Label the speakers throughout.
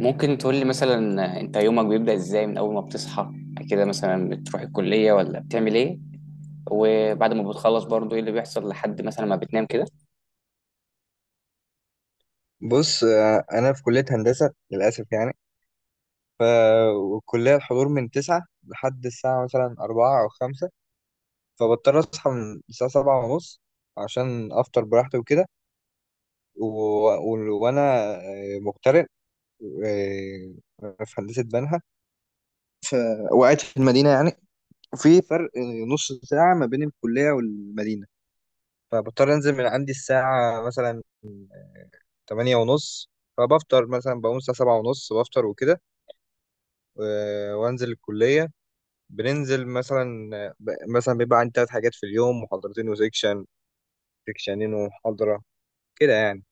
Speaker 1: ممكن تقول لي، مثلا انت يومك بيبدأ ازاي من اول ما بتصحى؟ كده مثلا بتروح الكلية ولا بتعمل ايه؟ وبعد ما بتخلص برضو ايه اللي بيحصل لحد مثلا ما بتنام كده؟
Speaker 2: بص، انا في كليه هندسه للاسف يعني. ف والكليه الحضور من 9 لحد الساعه مثلا 4 او 5. فبضطر اصحى من الساعه 7 ونص عشان افطر براحتي وكده. و... و... وانا مغترب، آه، في هندسه بنها، وقاعد في المدينه يعني. في فرق نص ساعه ما بين الكليه والمدينه، فبضطر انزل من عندي الساعه مثلا 8 ونص. فبفطر مثلا، بقوم الساعه 7 ونص بفطر وكده وانزل الكليه. بننزل مثلا، مثلا بيبقى عندي تلات حاجات في اليوم: محاضرتين وسيكشن، سيكشنين ومحاضرة كده يعني.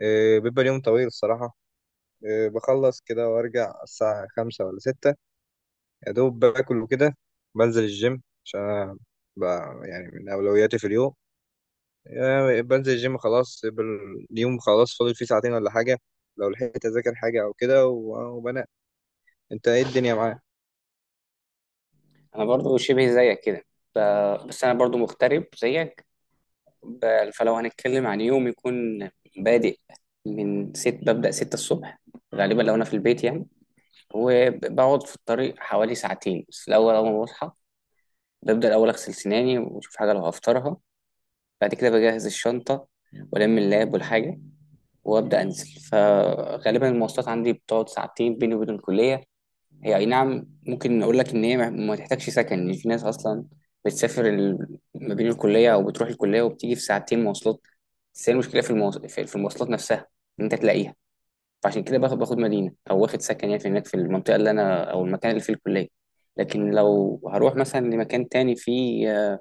Speaker 2: بيبقى اليوم طويل الصراحة. بخلص كده وارجع الساعة 5 ولا 6، يا دوب باكل وكده. بنزل الجيم عشان أنا يعني من أولوياتي في اليوم. بنزل الجيم خلاص. يبقى اليوم خلاص فاضل فيه ساعتين ولا حاجة، لو لحقت أذاكر حاجة أو كده وبنام. أنت إيه الدنيا معاك؟
Speaker 1: انا برضو شبه زيك كده. ف- بس انا برضو مغترب زيك. فلو هنتكلم عن يوم يكون بادئ من ست ببدأ 6 الصبح، غالبا لو انا في البيت يعني، وبقعد في الطريق حوالي ساعتين. بس الاول، اول ما بصحى ببدأ الاول اغسل سناني واشوف حاجة لو هفطرها. بعد كده بجهز الشنطة والم اللاب والحاجة وابدا انزل. فغالبا المواصلات عندي بتقعد ساعتين بيني وبين الكليه. هي اي نعم، ممكن اقول لك ان هي ما تحتاجش سكن، يعني في ناس اصلا بتسافر، ما بين الكليه، او بتروح الكليه وبتيجي في ساعتين مواصلات. بس هي المشكله في المواصلات نفسها، ان انت تلاقيها. فعشان كده باخد مدينه، او واخد سكن، يعني في هناك في المنطقه اللي انا، او المكان اللي فيه الكليه. لكن لو هروح مثلا لمكان تاني فيه،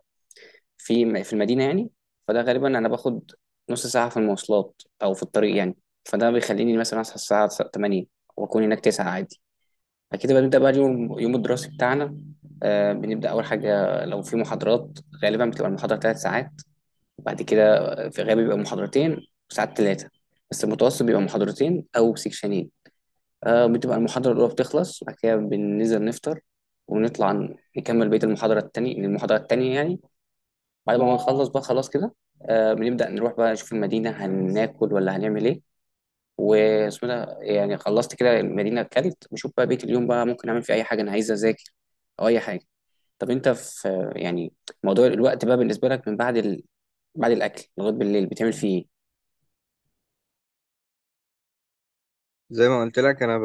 Speaker 1: في المدينة يعني، فده غالبا أنا باخد نص ساعة في المواصلات أو في الطريق يعني. فده بيخليني مثلا أصحى الساعة 8 وأكون هناك 9 عادي. بعد كده بنبدأ بقى اليوم، يوم الدراسي بتاعنا. بنبدأ أول حاجة لو في محاضرات. غالبا بتبقى المحاضرة 3 ساعات، بعد كده في غالب بيبقى محاضرتين، وساعات ثلاثة، بس المتوسط بيبقى محاضرتين أو سيكشنين. بتبقى المحاضرة الأولى بتخلص، بعد كده بننزل نفطر ونطلع نكمل بقية المحاضرة التانية، يعني. بعد ما نخلص بقى، خلاص كده. بنبدأ نروح بقى نشوف المدينة، هناكل ولا هنعمل ايه، واسمه ده. يعني خلصت كده، المدينة، اكلت، بشوف بقى بقية اليوم بقى، ممكن اعمل فيه اي حاجة انا عايز اذاكر، او اي حاجة. طب انت في يعني موضوع الوقت بقى بالنسبة لك من بعد بعد الاكل لغاية بالليل بتعمل فيه ايه؟
Speaker 2: زي ما قلت لك أنا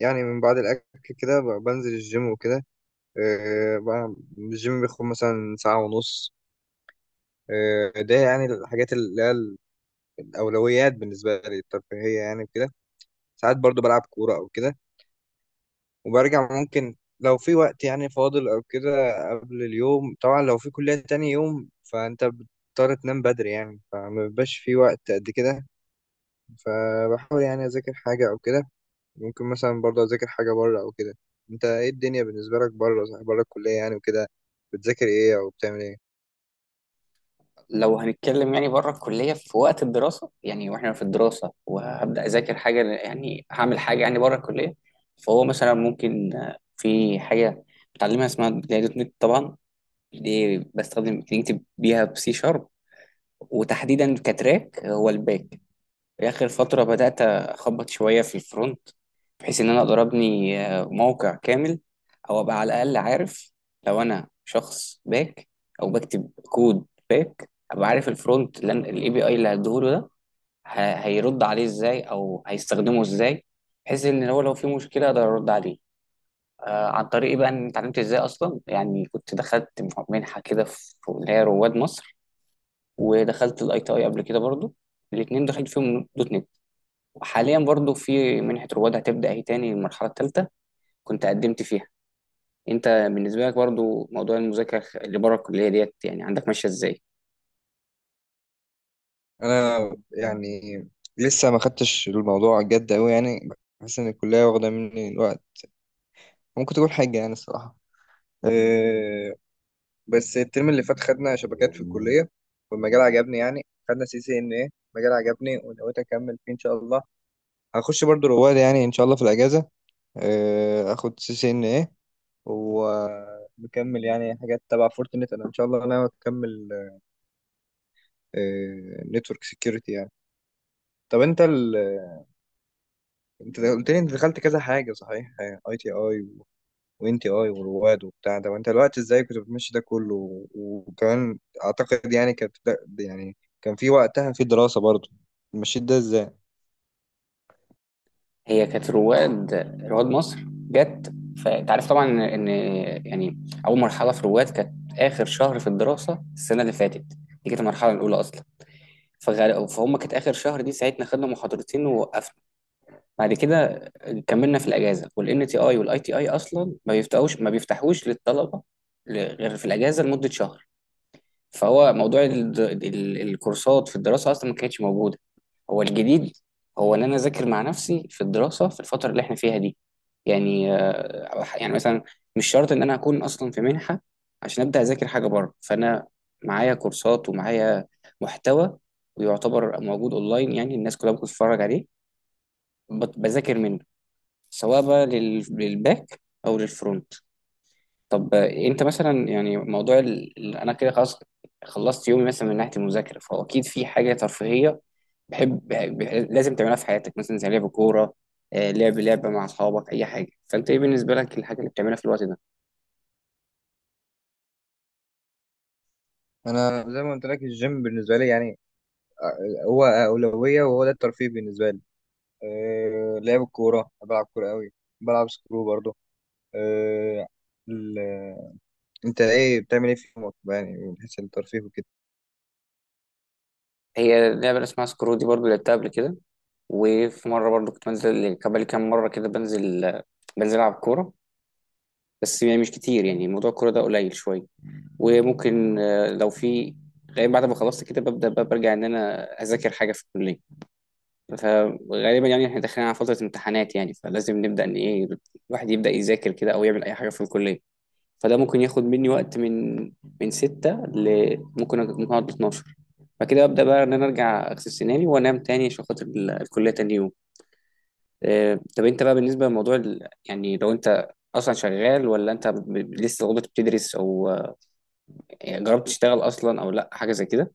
Speaker 2: يعني من بعد الأكل كده بنزل الجيم وكده. بقى الجيم بياخد مثلا ساعة ونص. ده يعني الحاجات اللي هي الأولويات بالنسبة لي، الترفيهية يعني وكده. ساعات برضو بلعب كورة أو كده، وبرجع ممكن لو في وقت يعني فاضل أو كده. قبل اليوم طبعا لو في كلية تاني يوم فأنت بتضطر تنام بدري يعني، فما بيبقاش في وقت قد كده. فبحاول يعني أذاكر حاجة أو كده. ممكن مثلا برضو أذاكر حاجة بره أو كده. أنت إيه الدنيا بالنسبة لك بره بره الكلية يعني وكده؟ بتذاكر إيه أو بتعمل إيه؟
Speaker 1: لو هنتكلم يعني بره الكلية في وقت الدراسة، يعني واحنا في الدراسة وهبدأ اذاكر حاجة يعني، هعمل حاجة يعني بره الكلية. فهو مثلا ممكن، في حاجة بتعلمها اسمها اللي هي دوت نت طبعا. دي بستخدم بنكتب بيها بسي شارب، وتحديدا كتراك هو الباك. في اخر فتره بدات اخبط شويه في الفرونت، بحيث ان انا اقدر ابني، موقع كامل، او ابقى على الاقل عارف، لو انا شخص باك او بكتب كود باك ابقى عارف الفرونت. لان الاي بي اي اللي هديهوله ده هيرد عليه ازاي او هيستخدمه ازاي، بحيث ان هو لو في مشكله اقدر ارد عليه. عن طريق إيه بقى ان اتعلمت ازاي اصلا، يعني كنت دخلت منحه كده في اللي هي رواد مصر، ودخلت الاي تي اي قبل كده برضو. الاثنين دخلت فيهم دوت نت. وحاليا برضو في منحه رواد هتبدا اهي تاني، المرحله الثالثه كنت قدمت فيها. انت بالنسبه لك برضو موضوع المذاكره اللي بره الكليه ديت، يعني عندك ماشيه ازاي؟
Speaker 2: انا يعني لسه ما خدتش الموضوع جد قوي يعني. بحس ان الكليه واخده مني الوقت، ممكن تكون حاجه يعني الصراحه. أه. بس الترم اللي فات خدنا شبكات في الكليه، والمجال عجبني يعني. خدنا سي سي ان ايه، مجال عجبني ونويت اكمل فيه ان شاء الله. هخش برضو رواد يعني ان شاء الله في الاجازه. أه، اخد سي سي ان ايه ومكمل يعني حاجات تبع فورتنت. انا ان شاء الله انا اكمل نتورك سكيورتي يعني. طب انت قلت لي انت دخلت كذا حاجه صحيح: اي تي اي وان تي اي ورواد وبتاع ده. وانت الوقت ازاي كنت بتمشي ده كله وكمان، اعتقد يعني كانت يعني كان في وقتها في دراسه برضه. مشيت ده ازاي؟
Speaker 1: هي كانت رواد، رواد مصر جت. فانت عارف طبعا ان، يعني، اول مرحله في رواد كانت اخر شهر في الدراسه السنه اللي فاتت. دي كانت المرحله الاولى اصلا. فهم كانت اخر شهر دي، ساعتنا خدنا محاضرتين ووقفنا. بعد كده كملنا في الاجازه. والان تي اي والاي تي اي اصلا ما بيفتحوش للطلبه، غير في الاجازه لمده شهر. فهو موضوع الكورسات في الدراسه اصلا ما كانتش موجوده. هو الجديد هو ان انا اذاكر مع نفسي في الدراسه، في الفتره اللي احنا فيها دي. يعني، يعني مثلا، مش شرط ان انا اكون اصلا في منحه عشان ابدا اذاكر حاجه بره. فانا معايا كورسات، ومعايا محتوى ويعتبر موجود اونلاين، يعني الناس كلها بتتفرج عليه، بذاكر منه، سواء بقى للباك او للفرونت. طب انت مثلا يعني موضوع انا كده خلاص، خلصت يومي مثلا من ناحيه المذاكره. فهو اكيد في حاجه ترفيهيه، بحب ب... لازم تعملها في حياتك، مثلا زي لعب كوره، لعب لعبه مع اصحابك، اي حاجه. فانت ايه بالنسبه لك الحاجه اللي بتعملها في الوقت ده؟
Speaker 2: انا زي ما قلت لك الجيم بالنسبه لي يعني هو اولويه، وهو ده الترفيه بالنسبه لي. أه، لعب الكوره، بلعب كوره قوي، بلعب سكرو برضه. أه ال- انت ايه بتعمل ايه في يومك يعني من حيث الترفيه وكده؟
Speaker 1: هي لعبه اسمها سكرو، دي برضو لعبتها قبل كده. وفي مره برضو كنت بنزل كبالي كام مره كده، بنزل العب كوره، بس يعني مش كتير. يعني موضوع الكوره ده قليل شويه. وممكن، آه، لو في غالبا بعد ما خلصت كده ببدا بقى برجع ان انا اذاكر حاجه في الكليه. فغالبا يعني احنا داخلين على فترة امتحانات يعني، فلازم نبدأ ان ايه، الواحد يبدأ يذاكر كده او يعمل اي حاجة في الكلية. فده ممكن ياخد مني وقت، من 6 ل ممكن اقعد 12. فكده ابدا بقى ان انا ارجع اغسل سناني وانام تاني عشان خاطر الكلية تاني يوم. طب انت بقى بالنسبة لموضوع يعني لو انت اصلا شغال، ولا انت لسه برضه بتدرس، او يعني جربت تشتغل اصلا، او لا حاجة زي كده؟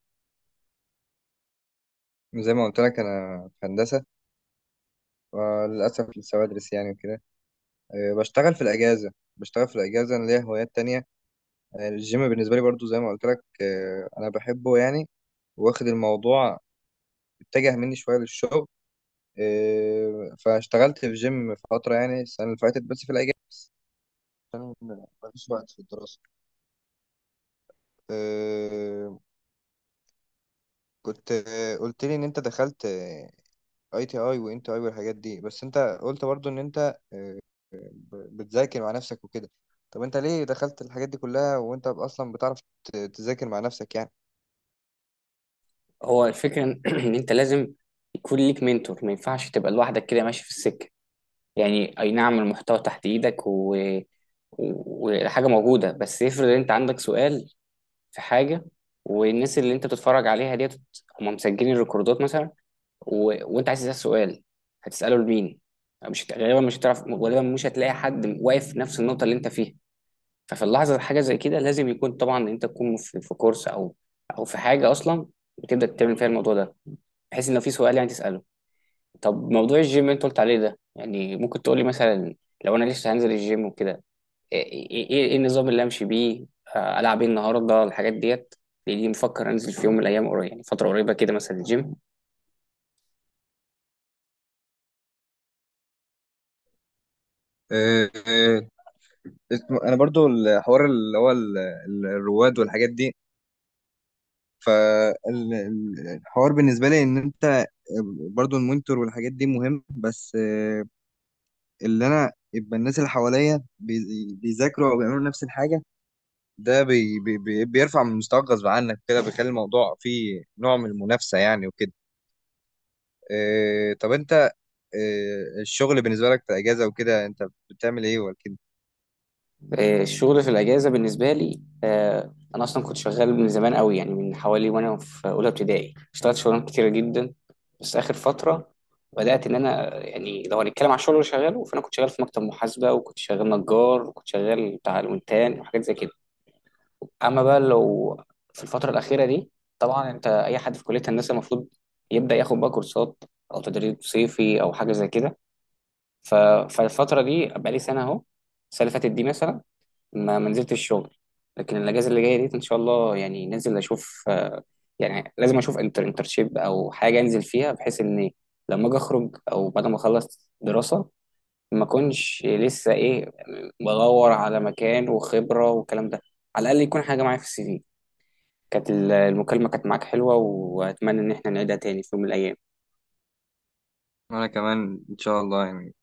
Speaker 2: زي ما قلت لك انا في هندسه، للأسف لسه بدرس يعني وكده. بشتغل في الأجازة، أنا ليا هوايات تانية. الجيم بالنسبة لي برضو زي ما قلت لك، أنا بحبه يعني. واخد الموضوع اتجه مني شوية للشغل. فاشتغلت في جيم فترة يعني السنة اللي فاتت بس في الأجازة، عشان مفيش وقت في الدراسة. آه، كنت قلت لي إن أنت دخلت اي تي اي وان تي اي والحاجات دي. بس انت قلت برضو ان انت بتذاكر مع نفسك وكده. طب انت ليه دخلت الحاجات دي كلها وانت اصلا بتعرف تذاكر مع نفسك يعني؟
Speaker 1: هو الفكرة ان انت لازم يكون ليك منتور، ما ينفعش تبقى لوحدك كده ماشي في السكة. يعني اي نعم، المحتوى تحت ايدك، وحاجه موجوده. بس افرض انت عندك سؤال في حاجه، والناس اللي انت بتتفرج عليها ديت هم مسجلين الريكوردات مثلا، وانت عايز تسال سؤال، هتساله لمين؟ مش هت- غالبا مش هتعرف، غالبا مش هتلاقي حد واقف في نفس النقطه اللي انت فيها. ففي اللحظه حاجه زي كده لازم يكون طبعا انت تكون في كورس، او في حاجه اصلا بتبدا تعمل فيها الموضوع ده، بحيث ان لو في سؤال يعني تساله. طب موضوع الجيم اللي انت قلت عليه ده، يعني ممكن تقولي مثلا، لو انا لسه هنزل الجيم وكده، ايه ايه ايه إيه النظام اللي امشي بيه؟ العب ايه النهارده، الحاجات ديت، لاني مفكر انزل في يوم من الايام قريب، يعني فتره قريبه كده مثلا الجيم.
Speaker 2: آه، آه، انا برضو الحوار اللي هو الرواد والحاجات دي. فالحوار بالنسبه لي ان انت برضو المونيتور والحاجات دي مهم، بس اللي انا يبقى الناس اللي حواليا بيذاكروا او بيعملوا نفس الحاجه، ده بيرفع من مستواك غصب عنك كده، بيخلي الموضوع فيه نوع من المنافسة يعني وكده. إيه طب انت، إيه الشغل بالنسبة لك في اجازة وكده، انت بتعمل ايه ولا كده؟
Speaker 1: الشغل في الاجازه بالنسبه لي، انا اصلا كنت شغال من زمان قوي. يعني من حوالي وانا في اولى ابتدائي اشتغلت شغلانات كتيره جدا. بس اخر فتره بدات ان انا، يعني لو هنتكلم على الشغل اللي شغاله، فانا كنت شغال في مكتب محاسبه، وكنت شغال نجار، وكنت شغال بتاع الونتان، وحاجات زي كده. اما بقى لو في الفتره الاخيره دي، طبعا انت اي حد في كليه هندسه المفروض يبدا ياخد بقى كورسات او تدريب صيفي او حاجه زي كده. ف... فالفتره دي بقالي سنه اهو. السنه اللي فاتت دي مثلا ما نزلتش الشغل. لكن الاجازه اللي جايه دي ان شاء الله، يعني ننزل اشوف، يعني لازم اشوف انترشيب او حاجه انزل فيها، بحيث ان لما اجي اخرج، او بعد ما اخلص دراسه، ما اكونش لسه ايه، بدور على مكان وخبره والكلام ده. على الاقل يكون حاجه معايا في السي في. كانت المكالمة كانت معاك حلوة، وأتمنى إن احنا نعيدها تاني في يوم من الأيام.
Speaker 2: وانا كمان ان شاء الله يعني.